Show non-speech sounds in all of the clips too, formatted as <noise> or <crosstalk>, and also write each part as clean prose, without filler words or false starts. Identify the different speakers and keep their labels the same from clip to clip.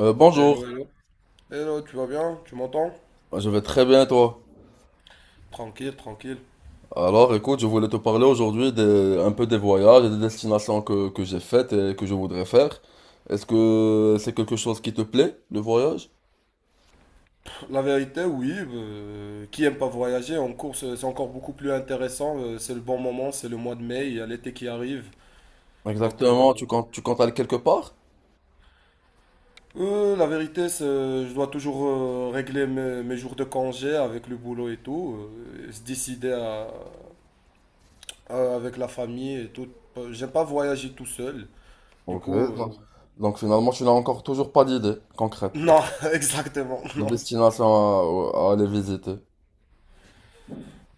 Speaker 1: Hello,
Speaker 2: Bonjour,
Speaker 1: hello. Hello, tu vas bien? Tu m'entends?
Speaker 2: je vais très bien et toi.
Speaker 1: Tranquille, tranquille.
Speaker 2: Alors écoute, je voulais te parler aujourd'hui un peu des voyages et des destinations que j'ai faites et que je voudrais faire. Est-ce que c'est quelque chose qui te plaît, le voyage?
Speaker 1: Pff, la vérité, oui, qui aime pas voyager en course, c'est encore beaucoup plus intéressant. C'est le bon moment, c'est le mois de mai, il y a l'été qui arrive. Donc, euh,
Speaker 2: Exactement, tu comptes aller quelque part?
Speaker 1: la vérité, c'est, je dois toujours régler mes jours de congé avec le boulot et tout, et se décider avec la famille et tout. J'aime pas voyager tout seul. Du
Speaker 2: Ok,
Speaker 1: coup, euh,
Speaker 2: donc, donc finalement tu n'as encore toujours pas d'idée concrète
Speaker 1: non, <laughs> exactement,
Speaker 2: de
Speaker 1: non.
Speaker 2: destination à aller visiter.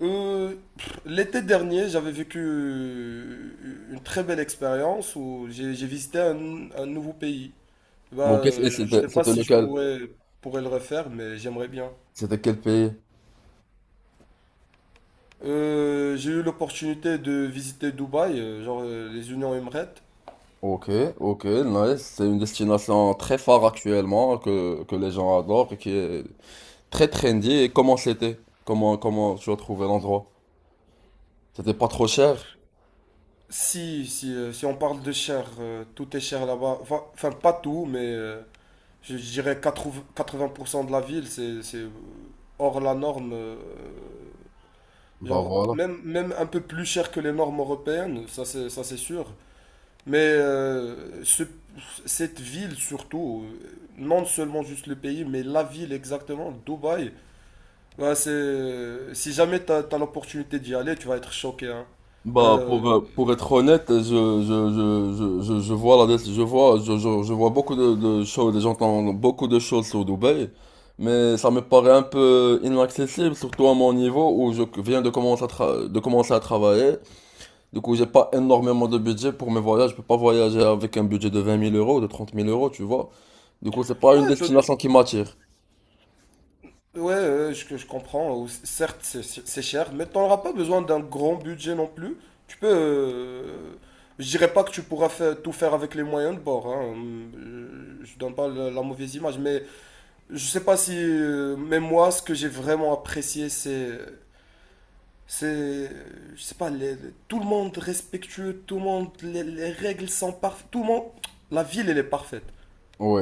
Speaker 1: Pff, l'été dernier, j'avais vécu une très belle expérience où j'ai visité un nouveau pays.
Speaker 2: Ok, et
Speaker 1: Je
Speaker 2: c'était
Speaker 1: sais pas
Speaker 2: c'était
Speaker 1: si je
Speaker 2: lequel?
Speaker 1: pourrais, pourrais le refaire, mais j'aimerais bien.
Speaker 2: C'était quel pays?
Speaker 1: J'ai eu l'opportunité de visiter Dubaï, genre les Unions Emirates.
Speaker 2: Ok, ok, nice. C'est une destination très phare actuellement que les gens adorent et qui est très trendy. Et comment c'était? Comment tu as trouvé l'endroit? C'était pas trop cher?
Speaker 1: Si on parle de cher, tout est cher là-bas. Enfin, pas tout, mais je dirais quatre-vingts pour cent de la ville, c'est hors la norme.
Speaker 2: Bah
Speaker 1: Genre,
Speaker 2: voilà.
Speaker 1: même un peu plus cher que les normes européennes, ça c'est sûr. Mais euh, ce- Cette ville surtout, non seulement juste le pays, mais la ville exactement, Dubaï, bah, c'est, si jamais t'as l'opportunité d'y aller, tu vas être choqué, hein.
Speaker 2: Bah
Speaker 1: Euh,
Speaker 2: pour être honnête, je vois beaucoup de choses, j'entends beaucoup de choses sur Dubaï, mais ça me paraît un peu inaccessible, surtout à mon niveau où je viens de commencer à travailler. Du coup, j'ai pas énormément de budget pour mes voyages, je peux pas voyager avec un budget de 20 000 euros, de 30 000 euros, tu vois. Du coup, c'est pas une
Speaker 1: ouais,
Speaker 2: destination qui m'attire.
Speaker 1: Ouais, je comprends. Certes, c'est cher, mais tu n'auras pas besoin d'un grand budget non plus. Tu peux. Je dirais pas que tu pourras faire, tout faire avec les moyens de bord. Hein. Je donne pas la mauvaise image, mais je sais pas si. Mais moi, ce que j'ai vraiment apprécié, c'est. C'est. Je sais pas, tout le monde respectueux, tout le monde. Les règles sont parfaites. Tout le monde. La ville, elle est parfaite.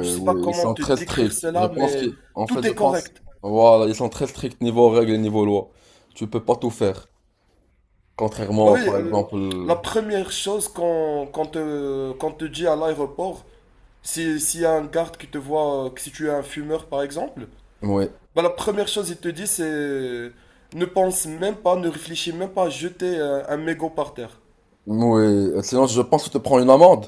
Speaker 1: Je sais pas
Speaker 2: ouais, ils
Speaker 1: comment
Speaker 2: sont
Speaker 1: te
Speaker 2: très
Speaker 1: décrire
Speaker 2: stricts. Je
Speaker 1: cela,
Speaker 2: pense
Speaker 1: mais
Speaker 2: qu'ils, en fait,
Speaker 1: tout
Speaker 2: je
Speaker 1: est
Speaker 2: pense,
Speaker 1: correct.
Speaker 2: voilà, ils sont très stricts niveau règles et niveau loi. Tu peux pas tout faire.
Speaker 1: Bah
Speaker 2: Contrairement,
Speaker 1: oui,
Speaker 2: par exemple,
Speaker 1: la première chose qu'on te dit à l'aéroport, si, s'il y a un garde qui te voit, que si tu es un fumeur par exemple,
Speaker 2: ouais,
Speaker 1: bah la première chose il te dit c'est ne pense même pas, ne réfléchis même pas à jeter mégot par terre.
Speaker 2: ouais. Sinon, je pense que tu te prends une amende.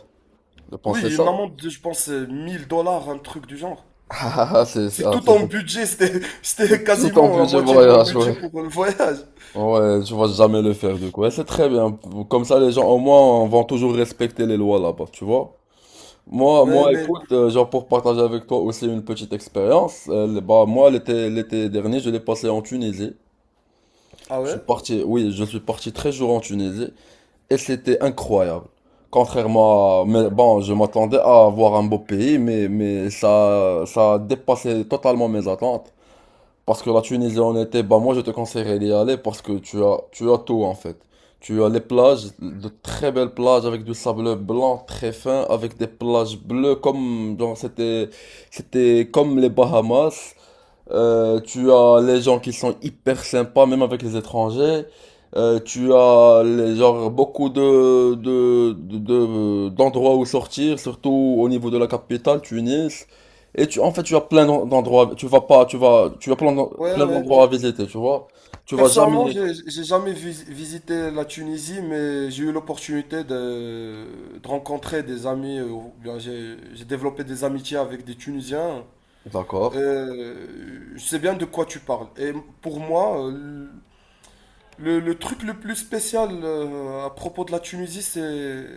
Speaker 2: Je pense que
Speaker 1: Oui,
Speaker 2: c'est
Speaker 1: une
Speaker 2: ça.
Speaker 1: amende
Speaker 2: <laughs>
Speaker 1: de, je pense, 1000 dollars, un truc du genre.
Speaker 2: Ah, ah,
Speaker 1: C'est tout
Speaker 2: c'est
Speaker 1: en
Speaker 2: pour,
Speaker 1: budget, c'était, <laughs>
Speaker 2: c'est
Speaker 1: c'était
Speaker 2: tout ton
Speaker 1: quasiment la
Speaker 2: budget
Speaker 1: moitié de mon
Speaker 2: voyage,
Speaker 1: budget
Speaker 2: ouais.
Speaker 1: pour le voyage.
Speaker 2: Ouais, tu vas jamais le faire, du coup. Ouais, c'est très bien. Comme ça, les gens, au moins, vont toujours respecter les lois là-bas, tu vois. Moi,
Speaker 1: Ouais,
Speaker 2: moi,
Speaker 1: mais...
Speaker 2: écoute, genre pour partager avec toi aussi une petite expérience, bah moi l'été dernier, je l'ai passé en Tunisie.
Speaker 1: Ah
Speaker 2: Je suis
Speaker 1: ouais?
Speaker 2: parti, oui, je suis parti 13 jours en Tunisie et c'était incroyable. Mais bon, je m'attendais à voir un beau pays, mais ça a dépassé totalement mes attentes. Parce que la Tunisie en été, bah moi je te conseillerais d'y aller parce que tu as tout en fait. Tu as les plages, de très belles plages avec du sable blanc très fin, avec des plages bleues comme genre c'était comme les Bahamas. Tu as les gens qui sont hyper sympas, même avec les étrangers. Tu as genre beaucoup d'endroits où sortir, surtout au niveau de la capitale, Tunis. Et tu, en fait, tu as plein d'endroits. Tu vas pas, tu vas, tu as plein
Speaker 1: Ouais,
Speaker 2: plein
Speaker 1: ouais.
Speaker 2: d'endroits à visiter, tu vois. Tu vas
Speaker 1: Personnellement,
Speaker 2: jamais.
Speaker 1: j'ai jamais visité la Tunisie, mais j'ai eu l'opportunité de rencontrer des amis, ou bien j'ai développé des amitiés avec des Tunisiens.
Speaker 2: D'accord.
Speaker 1: Je sais bien de quoi tu parles. Et pour moi, le truc le plus spécial à propos de la Tunisie, c'est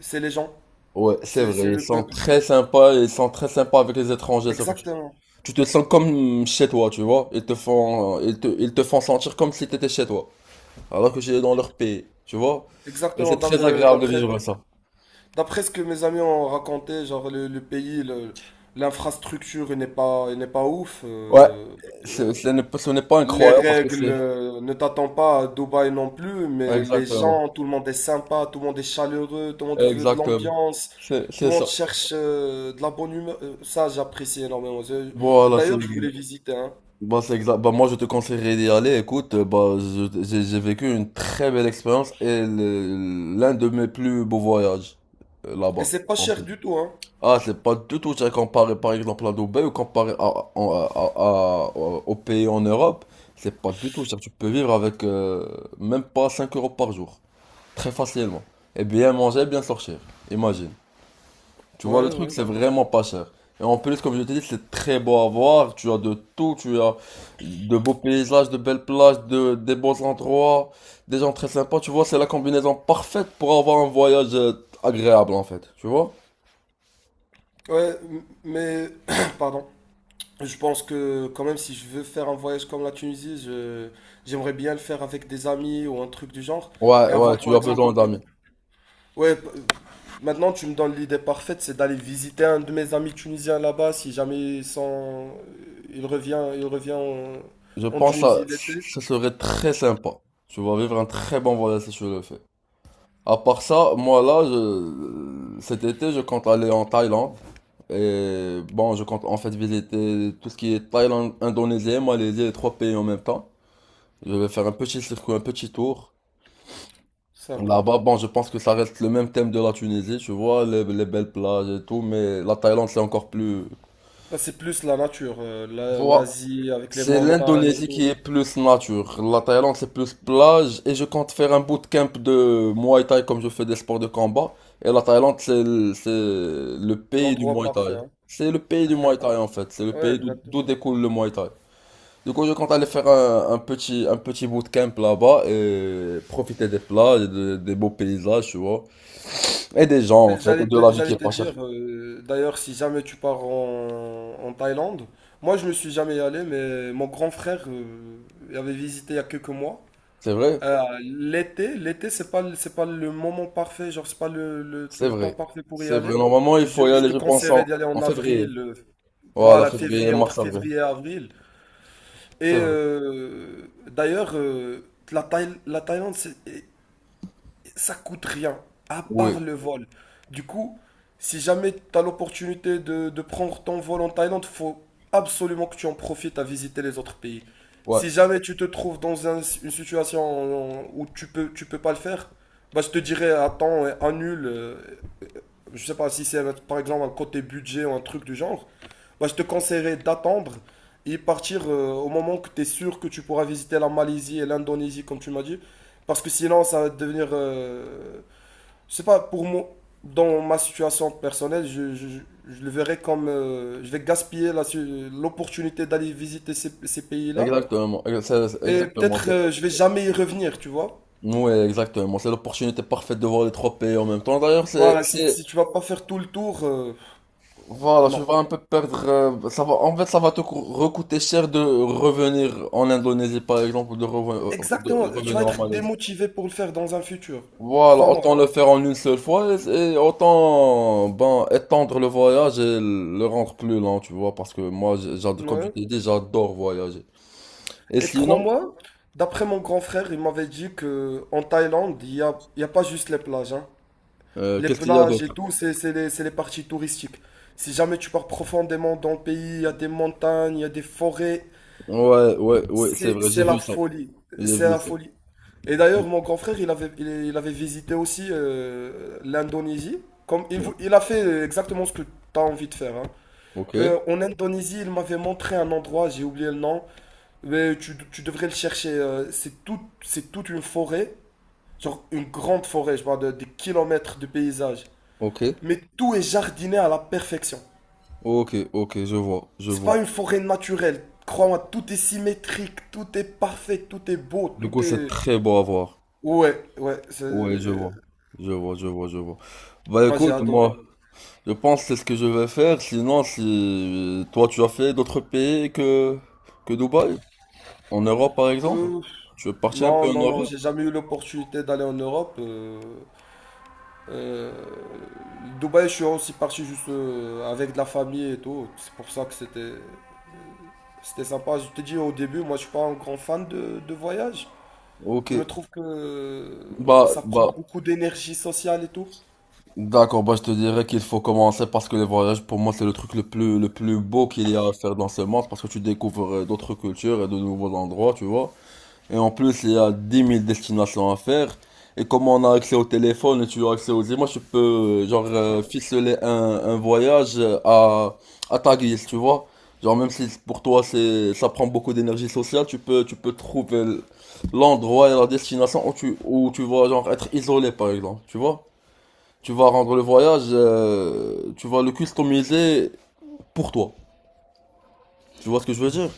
Speaker 1: c'est les gens,
Speaker 2: Ouais, c'est
Speaker 1: c'est
Speaker 2: vrai. Ils
Speaker 1: le
Speaker 2: sont
Speaker 1: peuple.
Speaker 2: très sympas. Ils sont très sympas avec les étrangers, surtout.
Speaker 1: Exactement,
Speaker 2: Tu te sens comme chez toi, tu vois. Ils te font sentir comme si tu étais chez toi, alors que j'étais dans leur pays, tu vois. Et
Speaker 1: exactement.
Speaker 2: c'est très agréable de
Speaker 1: D'après
Speaker 2: vivre ça.
Speaker 1: d'après ce que mes amis ont raconté, genre le pays, l'infrastructure n'est pas ouf.
Speaker 2: Ouais, c'est-
Speaker 1: Euh,
Speaker 2: ce n'est pas ce n'est pas
Speaker 1: les
Speaker 2: incroyable parce que
Speaker 1: règles
Speaker 2: c'est.
Speaker 1: ne t'attendent pas à Dubaï non plus,
Speaker 2: Ouais,
Speaker 1: mais les
Speaker 2: exactement,
Speaker 1: gens, tout le monde est sympa, tout le monde est chaleureux, tout le monde veut de
Speaker 2: exactement.
Speaker 1: l'ambiance,
Speaker 2: C'est
Speaker 1: tout
Speaker 2: c'est
Speaker 1: le monde
Speaker 2: ça.
Speaker 1: cherche de la bonne humeur. Ça, j'apprécie énormément.
Speaker 2: Voilà, c'est
Speaker 1: D'ailleurs, je voulais visiter, hein.
Speaker 2: bah, c'est exact. Bah, moi, je te conseillerais d'y aller. Écoute, bah, j'ai vécu une très belle expérience et l'un de mes plus beaux voyages
Speaker 1: Et
Speaker 2: là-bas.
Speaker 1: c'est pas cher du tout, hein.
Speaker 2: Ah, c'est pas du tout ça comparé par exemple à Dubaï ou comparé aux pays en Europe. C'est pas du tout ça. Tu peux vivre avec même pas 5 euros par jour. Très facilement. Et bien manger, bien sortir. Imagine. Tu vois, le
Speaker 1: Ouais,
Speaker 2: truc,
Speaker 1: ouais.
Speaker 2: c'est vraiment pas cher. Et en plus, comme je t'ai dit, c'est très beau à voir. Tu as de tout. Tu as de beaux paysages, de belles plages, des beaux endroits, des gens très sympas. Tu vois, c'est la combinaison parfaite pour avoir un voyage agréable en fait. Tu vois?
Speaker 1: Mais, <coughs> <clears throat> pardon. Je pense que quand même si je veux faire un voyage comme la Tunisie, je j'aimerais bien le faire avec des amis ou un truc du genre
Speaker 2: Ouais,
Speaker 1: et
Speaker 2: ouais,
Speaker 1: avoir
Speaker 2: tu
Speaker 1: par
Speaker 2: as
Speaker 1: exemple
Speaker 2: besoin d'amis.
Speaker 1: ouais p- maintenant tu me donnes l'idée parfaite c'est d'aller visiter un de mes amis tunisiens là-bas si jamais ils sont il revient en,
Speaker 2: Je
Speaker 1: en
Speaker 2: pense que
Speaker 1: Tunisie l'été.
Speaker 2: ça serait très sympa. Tu vas vivre un très bon voyage si tu le fais. À part ça, moi là, cet été, je compte aller en Thaïlande. Et bon, je compte en fait visiter tout ce qui est Thaïlande, Indonésie, Malaisie, les trois pays en même temps. Je vais faire un petit circuit, un petit tour.
Speaker 1: Sympa.
Speaker 2: Là-bas, bon, je pense que ça reste le même thème de la Tunisie, tu vois, les belles plages et tout, mais la Thaïlande, c'est encore plus.
Speaker 1: Là, c'est plus la nature l'Asie avec les
Speaker 2: C'est
Speaker 1: montagnes et
Speaker 2: l'Indonésie
Speaker 1: tout,
Speaker 2: qui est plus nature. La Thaïlande, c'est plus plage. Et je compte faire un bootcamp de Muay Thai comme je fais des sports de combat. Et la Thaïlande, c'est le
Speaker 1: c'est
Speaker 2: pays du
Speaker 1: l'endroit
Speaker 2: Muay
Speaker 1: parfait
Speaker 2: Thai.
Speaker 1: hein.
Speaker 2: C'est le pays du Muay Thai en fait. C'est le
Speaker 1: Ouais,
Speaker 2: pays d'où
Speaker 1: exactement.
Speaker 2: découle le Muay Thai. Du coup, je compte aller faire un petit bootcamp là-bas et profiter des plages, et des beaux paysages, tu vois. Et des gens en fait, et de la vie qui
Speaker 1: J'allais
Speaker 2: est
Speaker 1: te
Speaker 2: pas chère.
Speaker 1: dire, d'ailleurs, si jamais tu pars en, en Thaïlande, moi je ne suis jamais allé, mais mon grand frère il avait visité il y a quelques mois.
Speaker 2: C'est vrai?
Speaker 1: L'été, c'est pas, c'est pas le moment parfait, genre c'est pas
Speaker 2: C'est
Speaker 1: le temps
Speaker 2: vrai.
Speaker 1: parfait pour y
Speaker 2: C'est vrai.
Speaker 1: aller.
Speaker 2: Normalement, il faut y
Speaker 1: Je
Speaker 2: aller,
Speaker 1: te
Speaker 2: je pense, en,
Speaker 1: conseillerais d'y aller en
Speaker 2: en février.
Speaker 1: avril,
Speaker 2: Voilà,
Speaker 1: voilà,
Speaker 2: février,
Speaker 1: février, entre
Speaker 2: mars, avril.
Speaker 1: février et avril. Et
Speaker 2: C'est vrai.
Speaker 1: euh, d'ailleurs, euh, la Thaïlande, c'est ça coûte rien, à
Speaker 2: Oui,
Speaker 1: part le vol. Du coup, si jamais tu as l'opportunité de prendre ton vol en Thaïlande, faut absolument que tu en profites à visiter les autres pays.
Speaker 2: ouais,
Speaker 1: Si jamais tu te trouves dans une situation où tu peux pas le faire, bah je te dirais attends, annule. Je sais pas si c'est par exemple un côté budget ou un truc du genre, bah je te conseillerais d'attendre et partir au moment que tu es sûr que tu pourras visiter la Malaisie et l'Indonésie comme tu m'as dit. Parce que sinon, ça va devenir je sais pas, pour moi, dans ma situation personnelle, le verrais comme je vais gaspiller l'opportunité d'aller visiter ces pays-là.
Speaker 2: exactement.
Speaker 1: Et
Speaker 2: Exactement.
Speaker 1: peut-être je vais jamais y revenir, tu vois.
Speaker 2: Ouais, exactement. C'est l'opportunité parfaite de voir les trois pays en même temps. D'ailleurs,
Speaker 1: Voilà, si, si tu vas pas faire tout le tour,
Speaker 2: voilà, tu
Speaker 1: non.
Speaker 2: vas un peu perdre. Ça va, en fait, ça va te recoûter cher de revenir en Indonésie, par exemple, ou de, reven- de
Speaker 1: Exactement, tu vas
Speaker 2: revenir en
Speaker 1: être
Speaker 2: Malaisie.
Speaker 1: démotivé pour le faire dans un futur.
Speaker 2: Voilà,
Speaker 1: Crois-moi.
Speaker 2: autant le faire en une seule fois et autant ben, étendre le voyage et le rendre plus lent, tu vois, parce que moi, comme je
Speaker 1: Ouais.
Speaker 2: t'ai dit, j'adore voyager. Et
Speaker 1: Et
Speaker 2: sinon,
Speaker 1: crois-moi, d'après mon grand frère, il m'avait dit que en Thaïlande, il y a pas juste les plages, hein. Les
Speaker 2: qu'est-ce qu'il y a
Speaker 1: plages et
Speaker 2: d'autre?
Speaker 1: tout, c'est les parties touristiques. Si jamais tu pars profondément dans le pays, il y a des montagnes, il y a des forêts,
Speaker 2: Ouais, ouais, ouais, c'est
Speaker 1: c'est
Speaker 2: vrai, j'ai
Speaker 1: c'est
Speaker 2: vu
Speaker 1: la
Speaker 2: ça.
Speaker 1: folie,
Speaker 2: J'ai
Speaker 1: c'est
Speaker 2: vu
Speaker 1: la
Speaker 2: ça.
Speaker 1: folie. Et d'ailleurs, mon grand frère, il avait visité aussi l'Indonésie.
Speaker 2: Ouais.
Speaker 1: Il a fait exactement ce que tu as envie de faire. Hein.
Speaker 2: Ok,
Speaker 1: En Indonésie, il m'avait montré un endroit, j'ai oublié le nom, mais tu devrais le chercher. C'est tout, c'est toute une forêt, genre une grande forêt, je parle de, des kilomètres de paysage,
Speaker 2: ok,
Speaker 1: mais tout est jardiné à la perfection.
Speaker 2: ok, ok, je vois, je
Speaker 1: C'est pas
Speaker 2: vois.
Speaker 1: une forêt naturelle. Crois-moi, tout est symétrique, tout est parfait, tout est beau,
Speaker 2: Du
Speaker 1: tout
Speaker 2: coup, c'est
Speaker 1: est...
Speaker 2: très beau à voir.
Speaker 1: Ouais, ouais, c'est...
Speaker 2: Ouais, je vois, je vois, je vois, je vois. Bah
Speaker 1: Moi, j'ai
Speaker 2: écoute,
Speaker 1: adoré.
Speaker 2: moi, je pense que c'est ce que je vais faire. Sinon, si toi, tu as fait d'autres pays que Dubaï, en Europe par exemple,
Speaker 1: Euh,
Speaker 2: tu es parti un
Speaker 1: non,
Speaker 2: peu en
Speaker 1: non, non,
Speaker 2: Europe.
Speaker 1: j'ai jamais eu l'opportunité d'aller en Europe. Euh, Dubaï, je suis aussi parti juste avec de la famille et tout. C'est pour ça que c'était sympa. Je te dis au début, moi, je suis pas un grand fan de voyage.
Speaker 2: Ok,
Speaker 1: Je me trouve que
Speaker 2: bah,
Speaker 1: ça prend
Speaker 2: bah,
Speaker 1: beaucoup d'énergie sociale et tout.
Speaker 2: d'accord, bah je te dirais qu'il faut commencer parce que les voyages, pour moi, c'est le truc le plus beau qu'il y a à faire dans ce monde parce que tu découvres d'autres cultures et de nouveaux endroits, tu vois. Et en plus, il y a 10 000 destinations à faire. Et comme on a accès au téléphone et tu as accès aux images, tu peux, genre, ficeler un voyage à ta guise, tu vois. Genre, même si pour toi, ça prend beaucoup d'énergie sociale, tu peux trouver l'endroit et la destination où tu vas, genre, être isolé, par exemple, tu vois. Tu vas rendre le voyage, tu vas le customiser pour toi. Tu vois ce que je veux dire?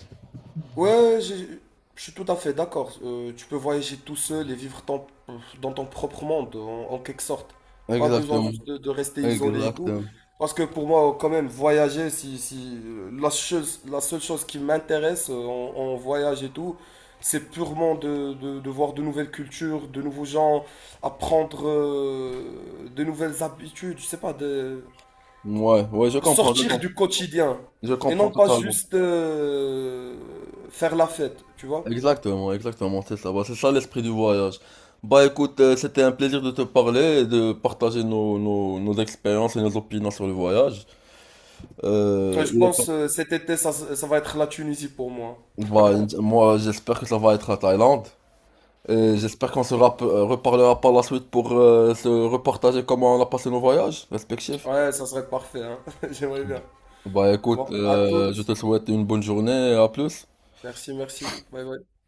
Speaker 1: Ouais, j'ai- je suis tout à fait d'accord. Tu peux voyager tout seul et vivre dans ton propre monde, en, en quelque sorte. Pas besoin
Speaker 2: Exactement.
Speaker 1: juste de rester isolé et tout.
Speaker 2: Exactement.
Speaker 1: Parce que pour moi, quand même, voyager, si, si, la seule chose qui m'intéresse en, en voyage et tout, c'est purement de, de voir de nouvelles cultures, de nouveaux gens, apprendre de nouvelles habitudes, je sais pas, de,
Speaker 2: Ouais, ouais, je comprends, je
Speaker 1: sortir
Speaker 2: comprends.
Speaker 1: du quotidien
Speaker 2: Je
Speaker 1: et non
Speaker 2: comprends
Speaker 1: pas
Speaker 2: totalement.
Speaker 1: juste faire la fête, tu vois.
Speaker 2: Exactement, exactement, c'est ça. Bah, c'est ça l'esprit du voyage. Bah écoute, c'était un plaisir de te parler et de partager nos expériences et nos opinions sur le voyage.
Speaker 1: Ouais, je
Speaker 2: Il est temps.
Speaker 1: pense cet été, ça va être la Tunisie pour moi.
Speaker 2: Bah, moi, j'espère que ça va être à Thaïlande. Et j'espère qu'on se reparlera par la suite pour se repartager comment on a passé nos voyages respectifs.
Speaker 1: Ouais, ça serait parfait, hein. <laughs> J'aimerais bien.
Speaker 2: Bah écoute,
Speaker 1: Bon, à
Speaker 2: je
Speaker 1: toutes.
Speaker 2: te souhaite une bonne journée et à plus.
Speaker 1: Merci, merci. Bye bye.